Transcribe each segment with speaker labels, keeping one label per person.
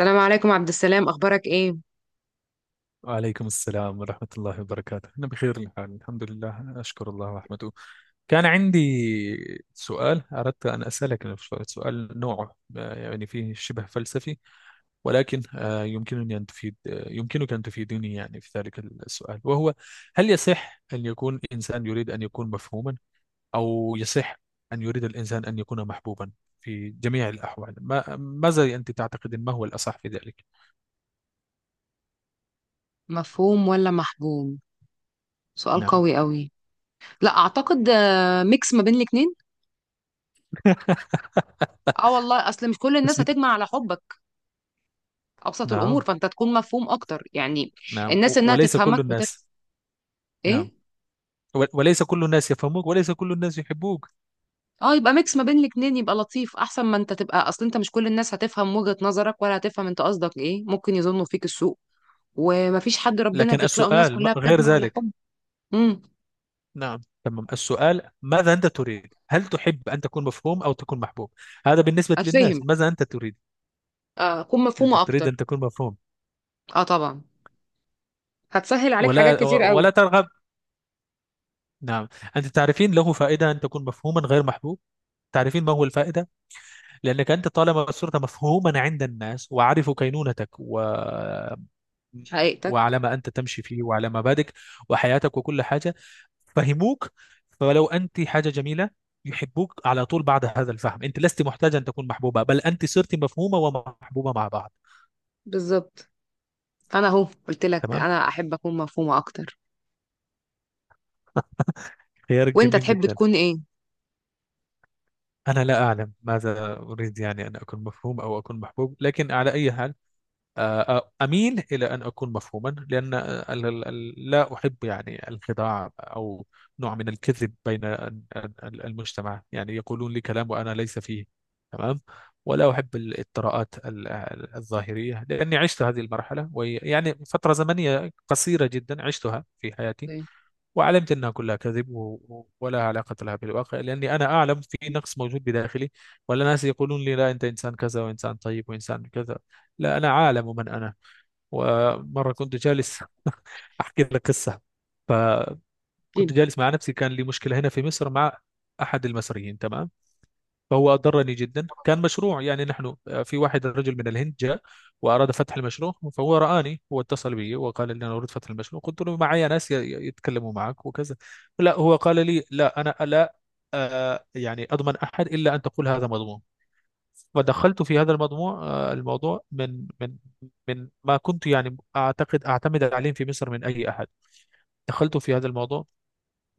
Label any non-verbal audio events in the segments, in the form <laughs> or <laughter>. Speaker 1: السلام عليكم عبد السلام، اخبارك ايه؟
Speaker 2: وعليكم السلام ورحمة الله وبركاته. أنا بخير الحال، الحمد لله، أشكر الله ورحمته. كان عندي سؤال أردت أن أسألك، سؤال نوعه يعني فيه شبه فلسفي. ولكن يمكنني أن تفيد آه، يمكنك أن تفيدني يعني في ذلك السؤال، وهو: هل يصح أن يكون إنسان يريد أن يكون مفهوما، أو يصح أن يريد الإنسان أن يكون محبوبا؟ في جميع الأحوال، ما ماذا أنت تعتقد؟ ما هو الأصح في ذلك؟
Speaker 1: مفهوم ولا محبوم؟ سؤال
Speaker 2: نعم.
Speaker 1: قوي قوي. لا اعتقد، ميكس ما بين الاتنين.
Speaker 2: <laughs>
Speaker 1: اه والله، اصل مش كل
Speaker 2: بس
Speaker 1: الناس
Speaker 2: بت...
Speaker 1: هتجمع على حبك. ابسط الامور
Speaker 2: نعم،
Speaker 1: فانت تكون مفهوم اكتر يعني.
Speaker 2: نعم.
Speaker 1: الناس انها
Speaker 2: وليس كل
Speaker 1: تفهمك.
Speaker 2: الناس.
Speaker 1: ايه.
Speaker 2: نعم. وليس كل الناس يفهموك، وليس كل الناس يحبوك.
Speaker 1: اه، يبقى ميكس ما بين الاتنين يبقى لطيف، احسن ما انت تبقى اصل انت مش كل الناس هتفهم وجهة نظرك ولا هتفهم انت قصدك ايه، ممكن يظنوا فيك السوء. ومفيش حد ربنا
Speaker 2: لكن
Speaker 1: بيخلقه الناس
Speaker 2: السؤال
Speaker 1: كلها
Speaker 2: غير
Speaker 1: بتجمع على
Speaker 2: ذلك.
Speaker 1: حب. امم.
Speaker 2: نعم، تمام. السؤال: ماذا أنت تريد؟ هل تحب أن تكون مفهوم أو تكون محبوب؟ هذا بالنسبة
Speaker 1: اتفهم.
Speaker 2: للناس، ماذا أنت تريد؟
Speaker 1: آه، اكون
Speaker 2: أنت
Speaker 1: مفهومة
Speaker 2: تريد أن
Speaker 1: اكتر.
Speaker 2: تكون مفهوم،
Speaker 1: اه طبعا، هتسهل عليك حاجات
Speaker 2: ولا
Speaker 1: كتير
Speaker 2: و-
Speaker 1: قوي.
Speaker 2: ولا ترغب؟ نعم. أنت تعرفين، له فائدة أن تكون مفهوما غير محبوب. تعرفين ما هو الفائدة؟ لأنك أنت طالما صرت مفهوما عند الناس، وعرفوا كينونتك.
Speaker 1: في حقيقتك.
Speaker 2: وعلى ما أنت تمشي فيه وعلى مبادئك وحياتك وكل حاجة، فهموك. فلو أنت حاجة جميلة، يحبوك على طول. بعد هذا الفهم أنت لست محتاجة أن تكون محبوبة، بل أنت صرت مفهومة ومحبوبة مع بعض.
Speaker 1: بالظبط، انا اهو قلت لك
Speaker 2: تمام.
Speaker 1: انا احب اكون مفهومة اكتر.
Speaker 2: خيارك
Speaker 1: وانت
Speaker 2: جميل
Speaker 1: تحب
Speaker 2: جدا.
Speaker 1: تكون ايه؟
Speaker 2: أنا لا أعلم ماذا أريد، يعني أن أكون مفهوم أو أكون محبوب، لكن على أي حال أميل إلى أن أكون مفهوما، لأن لا أحب يعني الخداع، أو نوع من الكذب بين المجتمع، يعني يقولون لي كلام وأنا ليس فيه. تمام. ولا أحب الإطراءات الظاهرية، لأني عشت هذه المرحلة، ويعني فترة زمنية قصيرة جدا عشتها في حياتي. وعلمت أنها كلها كذب، ولا علاقة لها بالواقع، لأني أنا أعلم في نقص موجود بداخلي. ولا ناس يقولون لي: لا، أنت إنسان كذا وإنسان طيب وإنسان كذا. لا، أنا عالم من أنا. ومرة كنت جالس <laughs> أحكي لك قصة. فكنت جالس مع نفسي، كان لي مشكلة هنا في مصر مع أحد المصريين، تمام. فهو أضرني جدا. كان مشروع، يعني نحن في واحد رجل من الهند جاء وأراد فتح المشروع، فهو رآني، هو اتصل بي وقال لي: أنا أريد فتح المشروع. قلت له: معي ناس يتكلموا معك وكذا. لا، هو قال لي: لا، أنا لا يعني أضمن أحد إلا أن تقول هذا مضمون. ودخلت في هذا الموضوع. الموضوع من ما كنت يعني أعتقد أعتمد عليه في مصر من أي أحد. دخلت في هذا الموضوع،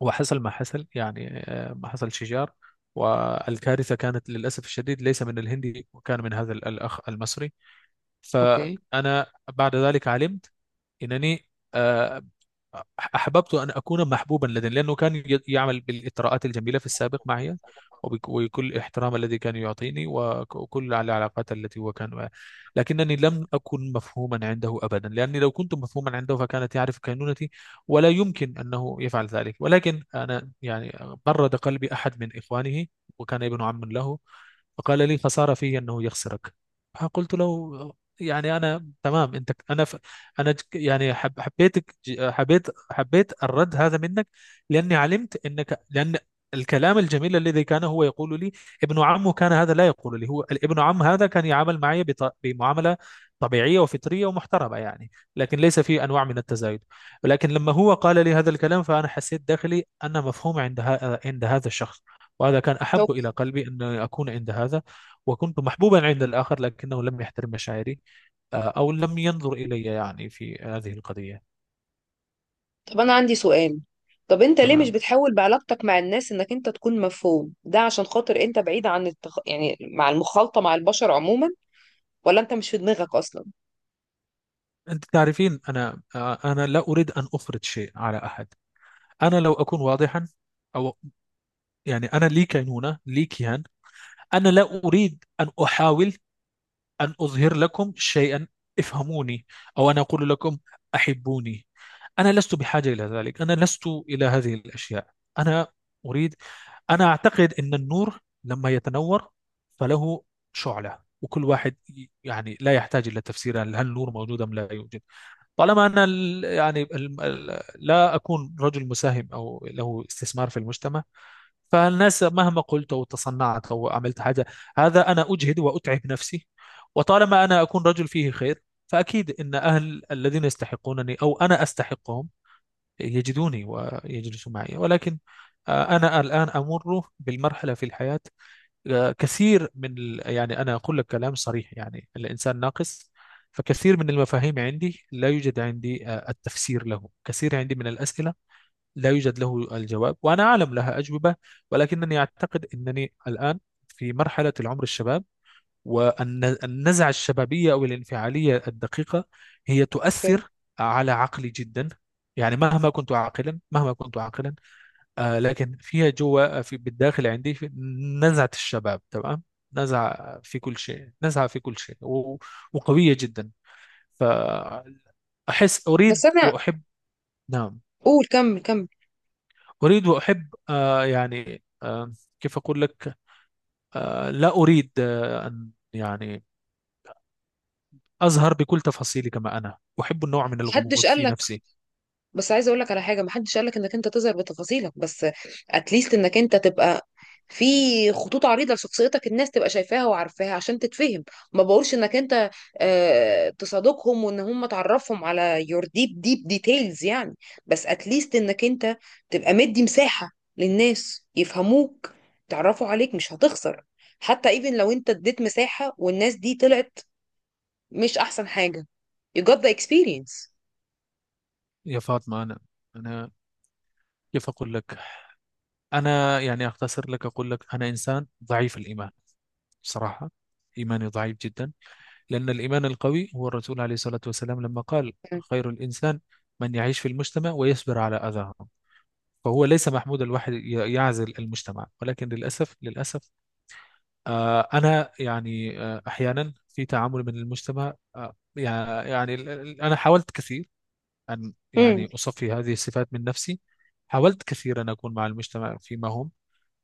Speaker 2: وحصل ما حصل، يعني ما حصل شجار. والكارثة كانت للأسف الشديد ليس من الهندي، وكان من هذا الأخ المصري.
Speaker 1: اوكي.
Speaker 2: فأنا بعد ذلك علمت أنني آه، أحببت أن أكون محبوبا لديه، لأنه كان يعمل بالإطراءات الجميلة في السابق معي، وكل الاحترام الذي كان يعطيني، وكل العلاقات التي هو كان معي. لكنني لم أكن مفهوما عنده أبدا، لأني لو كنت مفهوما عنده فكانت يعرف كينونتي، ولا يمكن أنه يفعل ذلك. ولكن أنا يعني برد قلبي أحد من إخوانه، وكان ابن عم له. فقال لي: خسارة فيه أنه يخسرك. فقلت له: يعني أنا تمام أنت أنا، انا يعني حبيتك حبيت الرد هذا منك، لاني علمت انك لان الكلام الجميل الذي كان هو يقول لي، ابن عمه كان هذا لا يقول لي، هو ابن عم هذا كان يعامل معي بمعامله طبيعيه وفطريه ومحترمه، يعني لكن ليس في انواع من التزايد. ولكن لما هو قال لي هذا الكلام، فانا حسيت داخلي انا مفهوم عند هذا الشخص، وهذا كان احب الى
Speaker 1: اوكي.
Speaker 2: قلبي ان اكون عند هذا. وكنت محبوبا عند الاخر، لكنه لم يحترم مشاعري، أو لم ينظر إلي يعني في هذه القضية.
Speaker 1: طب انا عندي سؤال. طب انت ليه مش
Speaker 2: تمام.
Speaker 1: بتحاول بعلاقتك مع الناس انك انت تكون مفهوم؟ ده عشان خاطر انت بعيد عن يعني مع المخالطة مع البشر عموما؟ ولا انت مش في دماغك اصلا؟
Speaker 2: أنت تعرفين، أنا لا أريد أن أفرض شيء على أحد. أنا لو أكون واضحا، أو يعني أنا لي كينونة، لي كيان. أنا لا أريد أن أحاول أن أظهر لكم شيئا: افهموني، أو أنا أقول لكم: أحبوني. أنا لست بحاجة إلى ذلك، أنا لست إلى هذه الأشياء. أنا أريد، أنا أعتقد أن النور لما يتنور فله شعلة، وكل واحد يعني لا يحتاج إلى تفسير، هل النور موجود أم لا يوجد. طالما أنا يعني لا أكون رجل مساهم أو له استثمار في المجتمع، فالناس مهما قلت أو تصنعت أو عملت حاجة، هذا أنا أجهد وأتعب نفسي. وطالما أنا أكون رجل فيه خير، فأكيد أن أهل الذين يستحقونني أو أنا أستحقهم يجدوني ويجلسوا معي. ولكن أنا الآن أمر بالمرحلة في الحياة. يعني أنا أقول لك كلام صريح، يعني الإنسان ناقص. فكثير من المفاهيم عندي لا يوجد عندي التفسير له، كثير عندي من الأسئلة لا يوجد له الجواب، وأنا أعلم لها أجوبة. ولكنني أعتقد أنني الآن في مرحلة العمر الشباب، والنزعة الشبابية أو الانفعالية الدقيقة هي
Speaker 1: اوكي.
Speaker 2: تؤثر على عقلي جدا. يعني مهما كنت عاقلا، مهما كنت عاقلا، لكن فيها جوا في بالداخل عندي في نزعة الشباب، تمام. نزعة في كل شيء، نزعة في كل شيء، وقوية جدا. فأحس
Speaker 1: بس
Speaker 2: أريد
Speaker 1: انا.
Speaker 2: وأحب. نعم.
Speaker 1: قول كمل كمل.
Speaker 2: أريد وأحب، يعني كيف أقول لك. لا أريد أن يعني أزهر بكل تفاصيله، كما أنا أحب النوع من
Speaker 1: محدش
Speaker 2: الغموض في
Speaker 1: قال.
Speaker 2: نفسي.
Speaker 1: بس عايزه اقول لك على حاجه، محدش قال لك انك انت تظهر بتفاصيلك، بس اتليست انك انت تبقى في خطوط عريضه لشخصيتك، الناس تبقى شايفاها وعارفاها عشان تتفهم. ما بقولش انك انت تصادقهم وان هم تعرفهم على يور ديب ديب ديتيلز يعني، بس اتليست انك انت تبقى مدي مساحه للناس يفهموك، تعرفوا عليك، مش هتخسر. حتى ايفن لو انت اديت مساحه والناس دي طلعت، مش احسن حاجه؟ you got the experience.
Speaker 2: يا فاطمة، أنا، أنا، كيف أقول لك؟ أنا يعني أختصر لك، أقول لك: أنا إنسان ضعيف الإيمان، صراحة. إيماني ضعيف جدا، لأن الإيمان القوي هو الرسول عليه الصلاة والسلام لما قال: خير الإنسان من يعيش في المجتمع ويصبر على أذاهم. فهو ليس محمود الواحد يعزل المجتمع. ولكن للأسف، للأسف، أنا يعني أحيانا في تعامل من المجتمع، يعني أنا حاولت كثير أن
Speaker 1: امم.
Speaker 2: يعني أصفي هذه الصفات من نفسي. حاولت كثيرا أن أكون مع المجتمع فيما هم،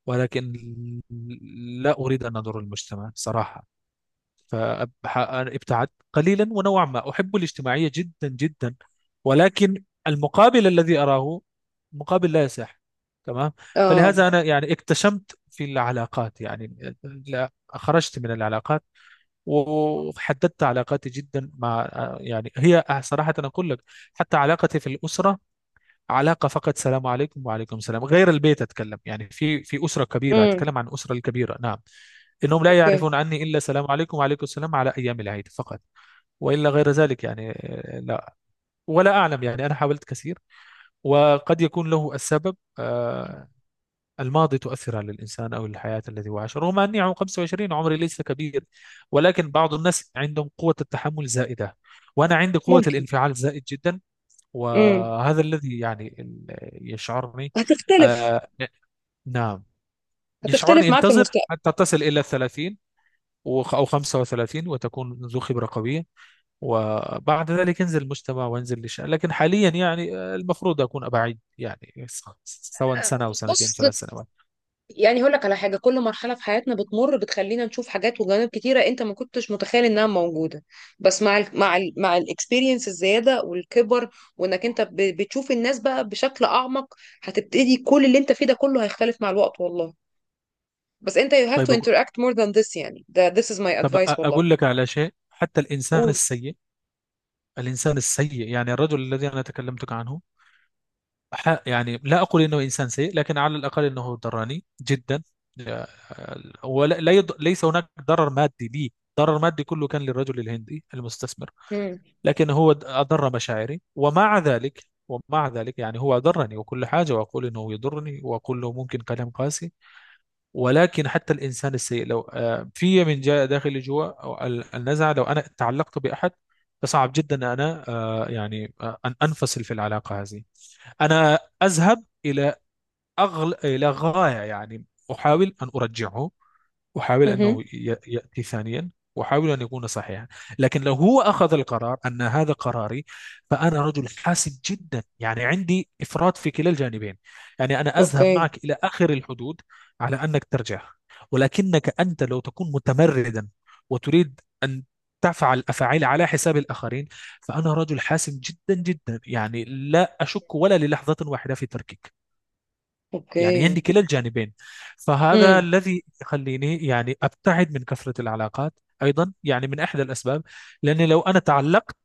Speaker 2: ولكن لا أريد أن أضر المجتمع صراحة. فابتعدت قليلا، ونوعا ما أحب الاجتماعية جدا جدا، ولكن المقابل الذي أراه مقابل لا يصح، تمام.
Speaker 1: اه.
Speaker 2: فلهذا أنا يعني اكتشمت في العلاقات، يعني لا، خرجت من العلاقات وحددت علاقاتي جدا. مع، يعني هي صراحة أقول لك، حتى علاقتي في الأسرة علاقة فقط سلام عليكم وعليكم السلام. غير البيت أتكلم، يعني في أسرة كبيرة، أتكلم عن أسرة الكبيرة، نعم. إنهم لا
Speaker 1: اوكي.
Speaker 2: يعرفون عني إلا سلام عليكم وعليكم السلام على أيام العيد فقط. وإلا غير ذلك يعني لا. ولا أعلم، يعني أنا حاولت كثير، وقد يكون له السبب الماضي تؤثر على الإنسان، أو الحياة التي هو عاش، رغم أني عمري 25، عمري ليس كبير. ولكن بعض الناس عندهم قوة التحمل زائدة، وأنا عندي قوة
Speaker 1: ممكن.
Speaker 2: الانفعال زائد جدا.
Speaker 1: امم.
Speaker 2: وهذا الذي يعني يشعرني،
Speaker 1: هتختلف
Speaker 2: آه نعم،
Speaker 1: هتختلف
Speaker 2: يشعرني:
Speaker 1: معاك في
Speaker 2: انتظر
Speaker 1: المستقبل.
Speaker 2: حتى تصل إلى الـ30، أو 35، وتكون ذو خبرة قوية. وبعد ذلك ينزل المجتمع وينزل الشأن، لكن حاليا يعني المفروض أكون أبعد، يعني سواء سنة أو سنتين،
Speaker 1: بص،
Speaker 2: 3 سنوات.
Speaker 1: يعني هقول لك على حاجه، كل مرحله في حياتنا بتمر بتخلينا نشوف حاجات وجوانب كتيره انت ما كنتش متخيل انها موجوده. بس مع ال مع ال مع الاكسبيرينس الزياده والكبر، وانك انت بتشوف الناس بقى بشكل اعمق، هتبتدي كل اللي انت فيه ده كله هيختلف مع الوقت والله. بس انت you have to
Speaker 2: طيب أقول،
Speaker 1: interact more than this يعني، ده this is my
Speaker 2: طب
Speaker 1: advice والله.
Speaker 2: أقول لك على شيء. حتى الإنسان
Speaker 1: قول.
Speaker 2: السيء، الإنسان السيء يعني الرجل الذي أنا تكلمتك عنه، يعني لا أقول إنه إنسان سيء، لكن على الأقل إنه دراني جدا. ولا، لا يض... ليس هناك ضرر مادي لي، ضرر مادي كله كان للرجل الهندي المستثمر.
Speaker 1: امم.
Speaker 2: لكن هو أضر مشاعري. ومع ذلك يعني هو أضرني وكل حاجة، وأقول إنه يضرني، وأقول له ممكن كلام قاسي. ولكن حتى الإنسان السيء، لو في من جاء داخلي جوا أو النزعة، لو أنا تعلقت بأحد فصعب جدا أن أنا يعني أن أنفصل في العلاقة هذه. أنا أذهب إلى أغل، إلى غاية يعني. أحاول أن أرجعه، أحاول
Speaker 1: امم.
Speaker 2: أنه يأتي ثانيا، وأحاول أن يكون صحيحا. لكن لو هو أخذ القرار أن هذا قراري، فأنا رجل حاسم جدا، يعني عندي إفراط في كلا الجانبين. يعني أنا أذهب
Speaker 1: اوكي.
Speaker 2: معك إلى آخر الحدود على أنك ترجع، ولكنك أنت لو تكون متمردا وتريد أن تفعل أفعال على حساب الآخرين، فأنا رجل حاسم جدا جدا، يعني لا أشك ولا للحظة واحدة في تركك. يعني
Speaker 1: اوكي.
Speaker 2: عندي كلا الجانبين. فهذا
Speaker 1: امم.
Speaker 2: الذي يخليني يعني أبتعد من كثرة العلاقات، أيضا، يعني من إحدى الأسباب. لأني لو أنا تعلقت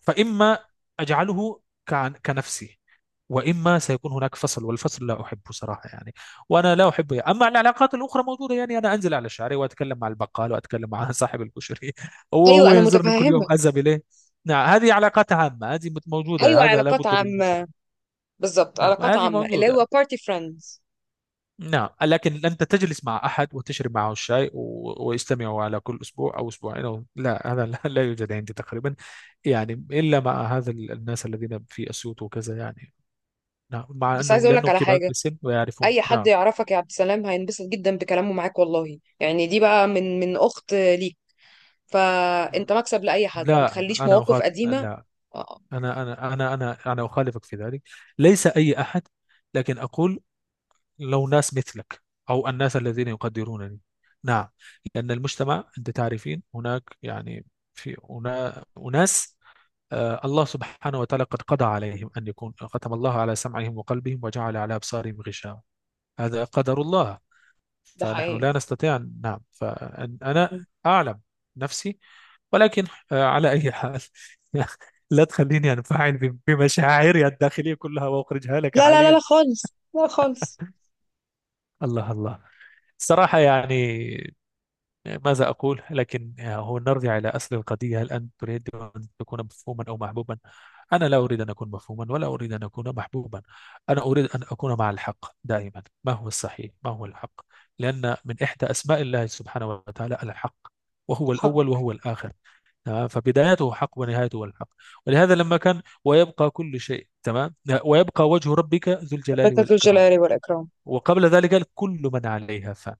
Speaker 2: فإما أجعله كنفسي، وإما سيكون هناك فصل، والفصل لا أحبه صراحة يعني، وأنا لا أحبه يعني. أما العلاقات الأخرى موجودة، يعني أنا أنزل على الشارع، وأتكلم مع البقال، وأتكلم مع صاحب الكشري <laughs>
Speaker 1: ايوه
Speaker 2: وهو
Speaker 1: انا
Speaker 2: ينظرني كل
Speaker 1: متفهمه.
Speaker 2: يوم أذهب إليه. نعم، هذه علاقات عامة، هذه
Speaker 1: ايوه،
Speaker 2: موجودة، هذا
Speaker 1: علاقات
Speaker 2: لابد للبشر.
Speaker 1: عامه. بالظبط،
Speaker 2: نعم،
Speaker 1: علاقات
Speaker 2: هذه
Speaker 1: عامه اللي هو
Speaker 2: موجودة.
Speaker 1: بارتي فريندز.
Speaker 2: نعم، لكن أنت تجلس مع أحد وتشرب معه الشاي ويستمعوا على كل أسبوع أو أسبوعين، أو لا، هذا لا، لا يوجد عندي تقريبا. يعني إلا مع هذا الناس الذين في أسيوط وكذا، يعني. نعم، مع
Speaker 1: بس عايزه
Speaker 2: أنهم
Speaker 1: اقول لك
Speaker 2: لأنهم
Speaker 1: على
Speaker 2: كبار في
Speaker 1: حاجه،
Speaker 2: السن ويعرفون،
Speaker 1: اي حد
Speaker 2: نعم.
Speaker 1: يعرفك يا عبد السلام هينبسط جدا بكلامه معاك والله، يعني دي بقى من اخت ليك. فانت مكسب لاي حد، ما
Speaker 2: لا،
Speaker 1: تخليش
Speaker 2: أنا
Speaker 1: مواقف
Speaker 2: أخاطب،
Speaker 1: قديمه.
Speaker 2: لا،
Speaker 1: آه،
Speaker 2: أنا أخالفك في ذلك. ليس أي أحد، لكن أقول: لو ناس مثلك، أو الناس الذين يقدرونني. نعم. لأن المجتمع أنت تعرفين هناك يعني، في هنا أناس الله سبحانه وتعالى قد قضى عليهم أن يكون ختم الله على سمعهم وقلبهم، وجعل على أبصارهم غشاوة. هذا قدر الله.
Speaker 1: ده
Speaker 2: فنحن
Speaker 1: حقيقي.
Speaker 2: لا نستطيع نعم، فأنا
Speaker 1: م.
Speaker 2: أعلم نفسي. ولكن على أي حال <laughs> لا تخليني أنفعل بمشاعري الداخلية كلها وأخرجها لك
Speaker 1: لا لا لا
Speaker 2: حاليا.
Speaker 1: لا خالص، لا خالص.
Speaker 2: الله، الله. صراحة يعني ماذا أقول، لكن هو نرجع إلى أصل القضية: هل أنت تريد أن تكون مفهوما أو محبوبا؟ أنا لا أريد أن أكون مفهوما، ولا أريد أن أكون محبوبا. أنا أريد أن أكون مع الحق دائما، ما هو الصحيح، ما هو الحق. لأن من إحدى أسماء الله سبحانه وتعالى الحق، وهو الأول
Speaker 1: حق.
Speaker 2: وهو الآخر. تمام، فبدايته حق ونهايته الحق. ولهذا لما كان، ويبقى كل شيء تمام، ويبقى وجه ربك ذو الجلال
Speaker 1: ربك ذو
Speaker 2: والإكرام.
Speaker 1: الجلال والاكرام.
Speaker 2: وقبل ذلك قال: كل من عليها فان.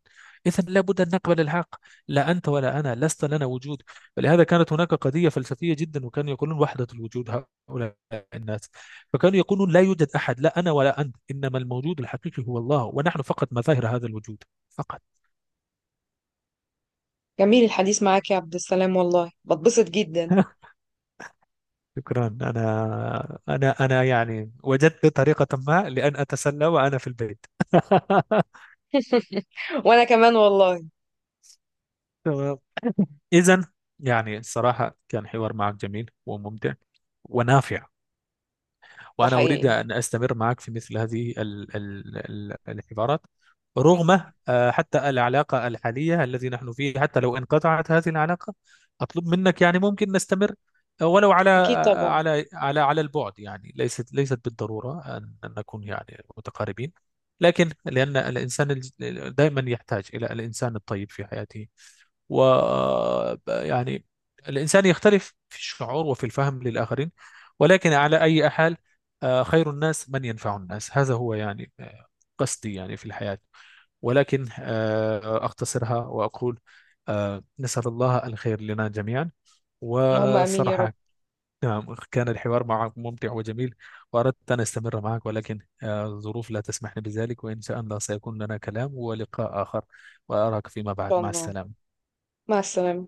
Speaker 2: إذا لابد أن نقبل الحق. لا أنت ولا أنا لست لنا وجود. فلهذا كانت هناك قضية فلسفية جدا، وكانوا يقولون: وحدة الوجود. هؤلاء الناس، فكانوا يقولون: لا يوجد أحد، لا أنا ولا أنت، إنما الموجود الحقيقي هو الله، ونحن فقط مظاهر هذا الوجود فقط.
Speaker 1: جميل الحديث معاك يا عبد السلام والله، بتبسط جدا.
Speaker 2: <laughs> شكرا. أنا يعني وجدت طريقة ما لأن أتسلى وأنا في البيت. <laughs>
Speaker 1: وانا كمان والله.
Speaker 2: تمام. إذا يعني الصراحة كان حوار معك جميل وممتع ونافع،
Speaker 1: ده
Speaker 2: وأنا أريد
Speaker 1: حقيقي.
Speaker 2: أن أستمر معك في مثل هذه الحوارات، رغم حتى العلاقة الحالية التي نحن فيه، حتى لو انقطعت هذه العلاقة، أطلب منك يعني ممكن نستمر ولو على
Speaker 1: اكيد طبعا.
Speaker 2: على البعد، يعني ليست بالضرورة أن نكون يعني متقاربين. لكن لأن الإنسان دائما يحتاج إلى الإنسان الطيب في حياته. و يعني الإنسان يختلف في الشعور وفي الفهم للآخرين. ولكن على أي حال، خير الناس من ينفع الناس، هذا هو يعني قصدي يعني في الحياة. ولكن أختصرها وأقول: نسأل الله الخير لنا جميعا.
Speaker 1: اللهم امين يا رب.
Speaker 2: وصراحة نعم، كان الحوار معك ممتع وجميل، وأردت أن أستمر معك، ولكن الظروف لا تسمح لي بذلك، وإن شاء الله سيكون لنا كلام ولقاء آخر. وأراك فيما
Speaker 1: ان
Speaker 2: بعد،
Speaker 1: شاء
Speaker 2: مع
Speaker 1: الله.
Speaker 2: السلامة.
Speaker 1: مع السلامه.